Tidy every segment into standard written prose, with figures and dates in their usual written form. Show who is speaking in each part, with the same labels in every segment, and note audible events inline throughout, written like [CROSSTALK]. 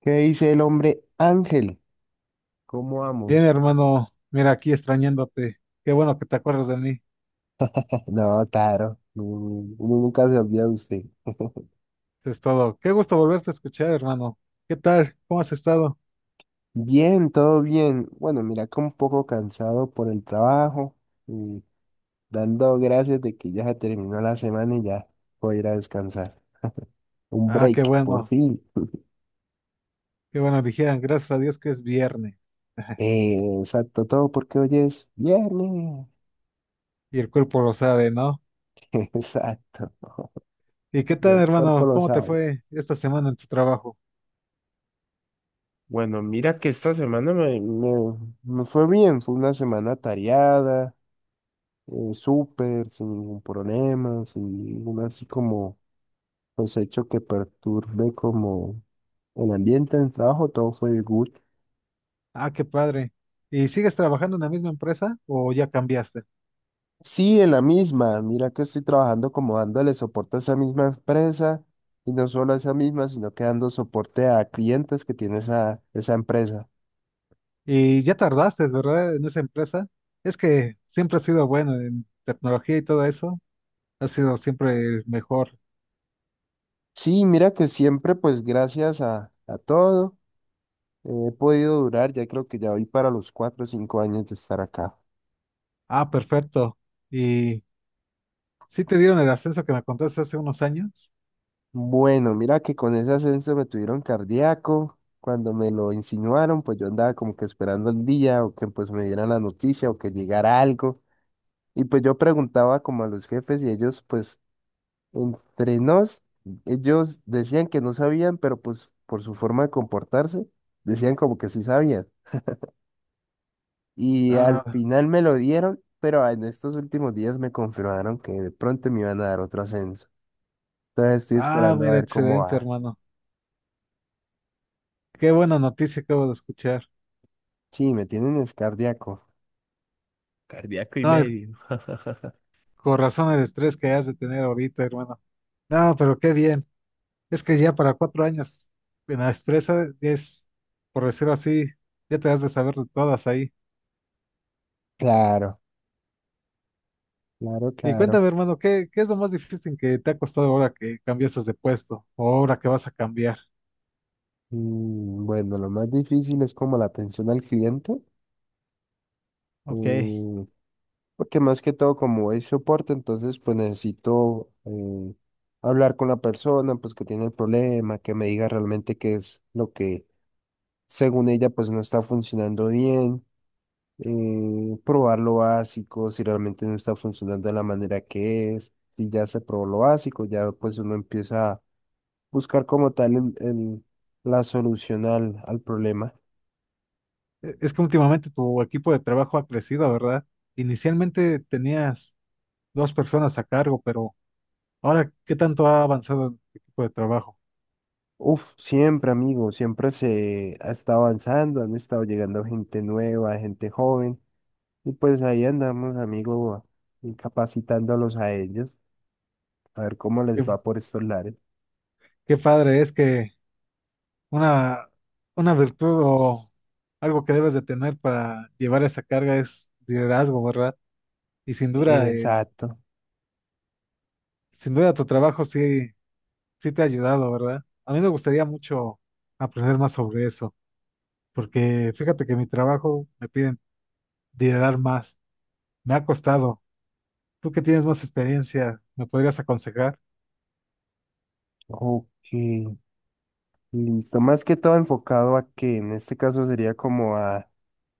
Speaker 1: ¿Qué dice el hombre Ángel? ¿Cómo
Speaker 2: Bien,
Speaker 1: vamos?
Speaker 2: hermano, mira aquí extrañándote. Qué bueno que te acuerdas de mí.
Speaker 1: [LAUGHS] No, claro, no, uno nunca se olvida de usted.
Speaker 2: Eso es todo. Qué gusto volverte a escuchar, hermano. ¿Qué tal? ¿Cómo has estado?
Speaker 1: Bien, todo bien. Bueno, mira que un poco cansado por el trabajo y dando gracias de que ya se terminó la semana y ya voy a ir a descansar. Un
Speaker 2: Ah, qué
Speaker 1: break, por
Speaker 2: bueno.
Speaker 1: fin.
Speaker 2: Qué bueno, dijeran, gracias a Dios que es viernes. [LAUGHS]
Speaker 1: Exacto, todo porque hoy es viernes.
Speaker 2: Y el cuerpo lo sabe, ¿no?
Speaker 1: [LAUGHS] Exacto,
Speaker 2: ¿Y qué
Speaker 1: y
Speaker 2: tal,
Speaker 1: el cuerpo
Speaker 2: hermano?
Speaker 1: lo
Speaker 2: ¿Cómo te
Speaker 1: sabe.
Speaker 2: fue esta semana en tu trabajo?
Speaker 1: Bueno, mira que esta semana me fue bien, fue una semana tareada. Súper, sin ningún problema, sin ningún así como pues hecho que perturbe como el ambiente del trabajo, todo fue good.
Speaker 2: Ah, qué padre. ¿Y sigues trabajando en la misma empresa o ya cambiaste?
Speaker 1: Sí, en la misma, mira que estoy trabajando como dándole soporte a esa misma empresa y no solo a esa misma, sino que dando soporte a clientes que tiene esa empresa.
Speaker 2: Y ya tardaste, ¿verdad? En esa empresa. Es que siempre has sido bueno en tecnología y todo eso. Has sido siempre el mejor.
Speaker 1: Sí, mira que siempre pues gracias a todo he podido durar, ya creo que ya voy para los cuatro o cinco años de estar acá.
Speaker 2: Ah, perfecto. ¿Y sí te dieron el ascenso que me contaste hace unos años?
Speaker 1: Bueno, mira que con ese ascenso me tuvieron cardíaco. Cuando me lo insinuaron, pues yo andaba como que esperando el día o que pues me dieran la noticia o que llegara algo. Y pues yo preguntaba como a los jefes y ellos pues entre nos, ellos decían que no sabían, pero pues por su forma de comportarse, decían como que sí sabían. Y al
Speaker 2: Ah,
Speaker 1: final me lo dieron, pero en estos últimos días me confirmaron que de pronto me iban a dar otro ascenso. Entonces estoy
Speaker 2: ah,
Speaker 1: esperando a
Speaker 2: mira,
Speaker 1: ver cómo
Speaker 2: excelente,
Speaker 1: va.
Speaker 2: hermano. Qué buena noticia acabo de escuchar.
Speaker 1: Sí, me tienen es cardíaco. Cardíaco y
Speaker 2: No, el-
Speaker 1: medio.
Speaker 2: Con razón el estrés que has de tener ahorita, hermano. No, pero qué bien. Es que ya para cuatro años en la empresa es, por decirlo así, ya te has de saber de todas ahí.
Speaker 1: Claro, claro,
Speaker 2: Y
Speaker 1: claro.
Speaker 2: cuéntame, hermano, ¿qué es lo más difícil que te ha costado ahora que cambiaste de puesto o ahora que vas a cambiar?
Speaker 1: Mm, bueno, lo más difícil es como la atención al cliente,
Speaker 2: Ok.
Speaker 1: mm, porque más que todo como es soporte, entonces pues necesito hablar con la persona, pues que tiene el problema, que me diga realmente qué es lo que según ella pues no está funcionando bien, probar lo básico, si realmente no está funcionando de la manera que es, si ya se probó lo básico, ya pues uno empieza buscar como tal la solución al problema.
Speaker 2: Es que últimamente tu equipo de trabajo ha crecido, ¿verdad? Inicialmente tenías dos personas a cargo, pero ahora, ¿qué tanto ha avanzado el equipo de trabajo?
Speaker 1: Uf, siempre, amigo, siempre se ha estado avanzando, han estado llegando gente nueva, gente joven, y pues ahí andamos, amigo, y capacitándolos a ellos, a ver cómo les
Speaker 2: Qué,
Speaker 1: va por estos lares.
Speaker 2: qué padre es que una, una virtud o algo que debes de tener para llevar esa carga es liderazgo, ¿verdad? Y sin duda,
Speaker 1: Exacto.
Speaker 2: sin duda tu trabajo sí te ha ayudado, ¿verdad? A mí me gustaría mucho aprender más sobre eso, porque fíjate que mi trabajo me piden liderar más. Me ha costado. Tú que tienes más experiencia, ¿me podrías aconsejar?
Speaker 1: Ok, listo. Más que todo enfocado a que en este caso sería como a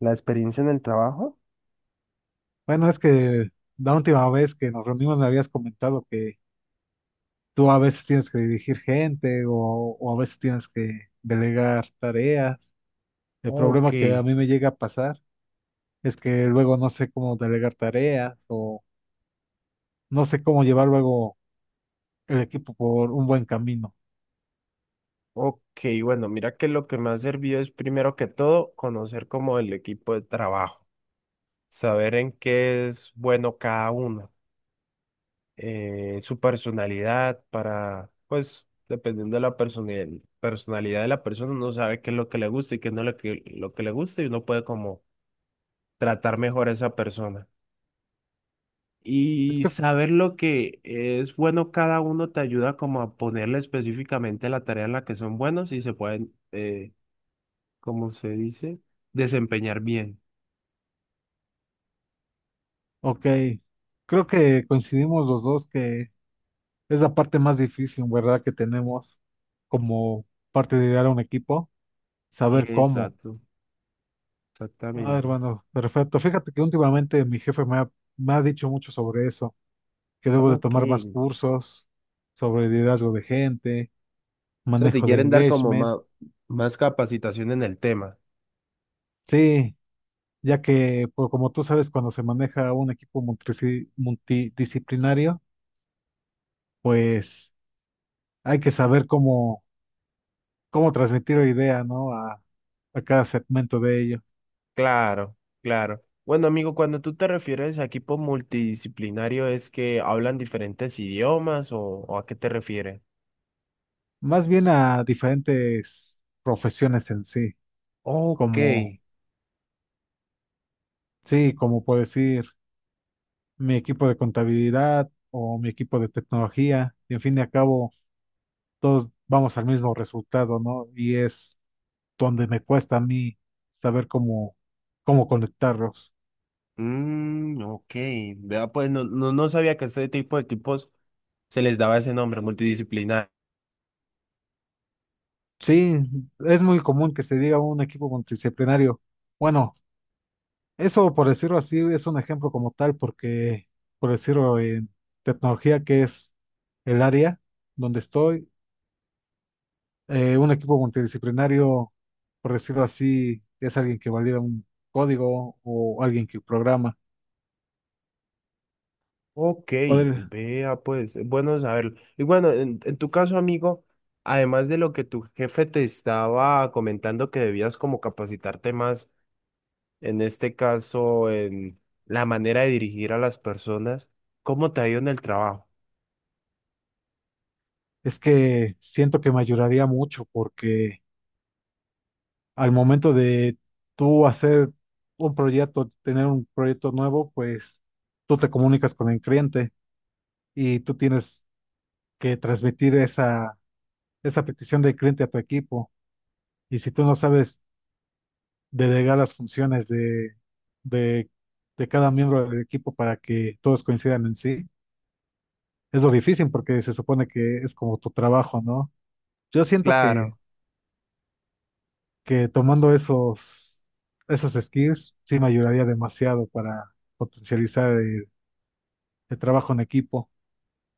Speaker 1: la experiencia en el trabajo.
Speaker 2: Bueno, es que la última vez que nos reunimos me habías comentado que tú a veces tienes que dirigir gente o a veces tienes que delegar tareas. El
Speaker 1: Ok.
Speaker 2: problema que a mí me llega a pasar es que luego no sé cómo delegar tareas o no sé cómo llevar luego el equipo por un buen camino.
Speaker 1: Ok, bueno, mira que lo que me ha servido es primero que todo conocer como el equipo de trabajo, saber en qué es bueno cada uno, su personalidad para, pues, dependiendo de la personalidad de la persona, uno sabe qué es lo que le gusta y qué no es lo que le gusta y uno puede como tratar mejor a esa persona.
Speaker 2: Es
Speaker 1: Y
Speaker 2: que,
Speaker 1: saber lo que es bueno cada uno te ayuda como a ponerle específicamente la tarea en la que son buenos y se pueden¿cómo se dice? Desempeñar bien.
Speaker 2: ok, creo que coincidimos los dos que es la parte más difícil, ¿verdad? Que tenemos como parte de liderar un equipo, saber cómo.
Speaker 1: Exacto,
Speaker 2: Ah,
Speaker 1: exactamente.
Speaker 2: hermano, perfecto. Fíjate que últimamente mi jefe me ha dicho mucho sobre eso, que debo de
Speaker 1: Ok.
Speaker 2: tomar más
Speaker 1: O
Speaker 2: cursos sobre liderazgo de gente,
Speaker 1: sea, te
Speaker 2: manejo de
Speaker 1: quieren dar como
Speaker 2: engagement.
Speaker 1: más capacitación en el tema.
Speaker 2: Sí, ya que, pues, como tú sabes, cuando se maneja un equipo multidisciplinario, pues hay que saber cómo transmitir la idea, ¿no? A cada segmento de ello.
Speaker 1: Claro, claro. Bueno, amigo, cuando tú te refieres a equipo multidisciplinario, ¿es que hablan diferentes idiomas o a qué te refieres?
Speaker 2: Más bien a diferentes profesiones en
Speaker 1: Ok.
Speaker 2: como, sí, como por decir, mi equipo de contabilidad o mi equipo de tecnología, y en fin de al cabo, todos vamos al mismo resultado, ¿no? Y es donde me cuesta a mí saber cómo conectarlos.
Speaker 1: Mm, ok. Vea, pues no sabía que a este tipo de equipos se les daba ese nombre, multidisciplinario.
Speaker 2: Sí, es muy común que se diga un equipo multidisciplinario. Bueno, eso por decirlo así es un ejemplo como tal, porque por decirlo en tecnología, que es el área donde estoy, un equipo multidisciplinario, por decirlo así, es alguien que valida un código o alguien que programa.
Speaker 1: Ok,
Speaker 2: Poder,
Speaker 1: vea pues, bueno saberlo. Y bueno, en tu caso, amigo, además de lo que tu jefe te estaba comentando que debías como capacitarte más, en este caso, en la manera de dirigir a las personas, ¿cómo te ha ido en el trabajo?
Speaker 2: es que siento que me ayudaría mucho porque al momento de tú hacer un proyecto, tener un proyecto nuevo, pues tú te comunicas con el cliente y tú tienes que transmitir esa petición del cliente a tu equipo. Y si tú no sabes delegar las funciones de, de cada miembro del equipo para que todos coincidan en sí. Es lo difícil porque se supone que es como tu trabajo, ¿no? Yo siento
Speaker 1: Claro.
Speaker 2: que tomando esos skills sí me ayudaría demasiado para potencializar el trabajo en equipo.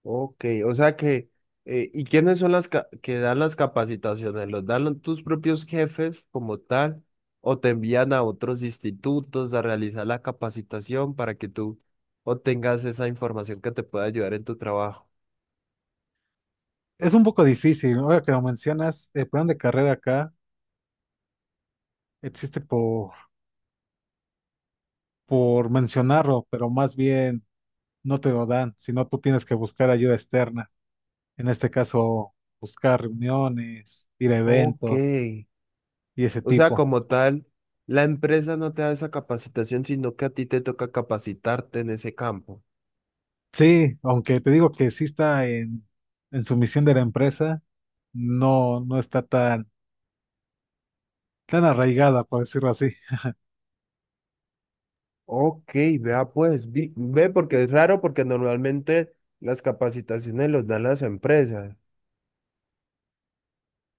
Speaker 1: Ok, o sea que, ¿y quiénes son las que dan las capacitaciones? ¿Los dan tus propios jefes como tal? ¿O te envían a otros institutos a realizar la capacitación para que tú obtengas esa información que te pueda ayudar en tu trabajo?
Speaker 2: Es un poco difícil, ¿no? Ahora que lo mencionas, el plan de carrera acá existe por mencionarlo, pero más bien no te lo dan, sino tú tienes que buscar ayuda externa. En este caso, buscar reuniones, ir a
Speaker 1: Ok,
Speaker 2: eventos y ese
Speaker 1: o sea,
Speaker 2: tipo.
Speaker 1: como tal, la empresa no te da esa capacitación, sino que a ti te toca capacitarte en ese campo.
Speaker 2: Sí, aunque te digo que sí está en su misión de la empresa, no, no está tan arraigada, por decirlo así.
Speaker 1: Ok, vea pues, ve porque es raro porque normalmente las capacitaciones los dan las empresas.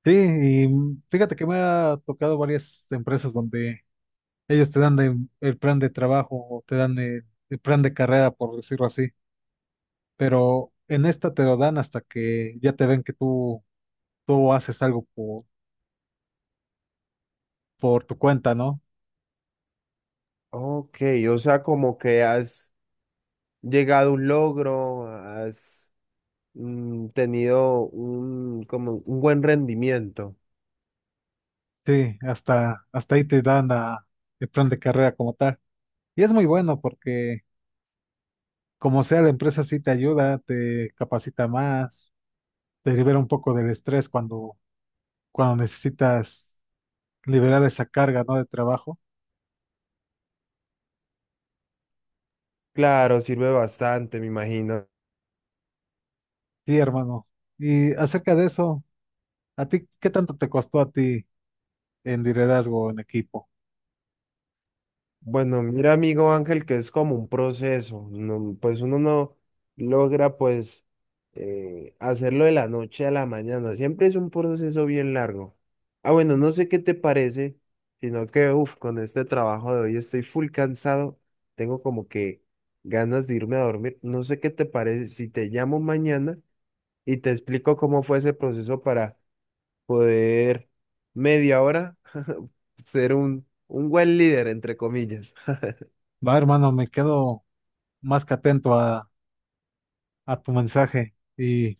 Speaker 2: Sí, y fíjate que me ha tocado varias empresas donde ellos el plan de trabajo o te dan el plan de carrera, por decirlo así, pero en esta te lo dan hasta que ya te ven que tú haces algo por tu cuenta, ¿no?
Speaker 1: Ok, o sea, como que has llegado a un logro, has tenido un, como un buen rendimiento.
Speaker 2: Sí, hasta ahí te dan el plan de carrera como tal. Y es muy bueno porque como sea la empresa sí te ayuda, te capacita más, te libera un poco del estrés cuando necesitas liberar esa carga, ¿no? De trabajo.
Speaker 1: Claro, sirve bastante, me imagino.
Speaker 2: Sí, hermano. Y acerca de eso, ¿a ti qué tanto te costó a ti en liderazgo en equipo?
Speaker 1: Bueno, mira, amigo Ángel, que es como un proceso, no- pues uno no logra pues hacerlo de la noche a la mañana, siempre es un proceso bien largo. Ah, bueno, no sé qué te parece, sino que, uff, con este trabajo de hoy estoy full cansado, tengo como que ganas de irme a dormir, no sé qué te parece si te llamo mañana y te explico cómo fue ese proceso para poder media hora [LAUGHS] ser un buen líder, entre comillas.
Speaker 2: Va, hermano, me quedo más que atento a tu mensaje y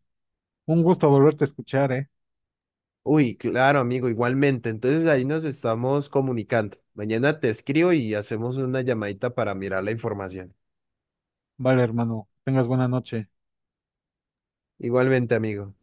Speaker 2: un gusto volverte a escuchar, ¿eh?
Speaker 1: Uy, claro, amigo, igualmente. Entonces ahí nos estamos comunicando. Mañana te escribo y hacemos una llamadita para mirar la información.
Speaker 2: Vale, hermano, tengas buena noche.
Speaker 1: Igualmente, amigo.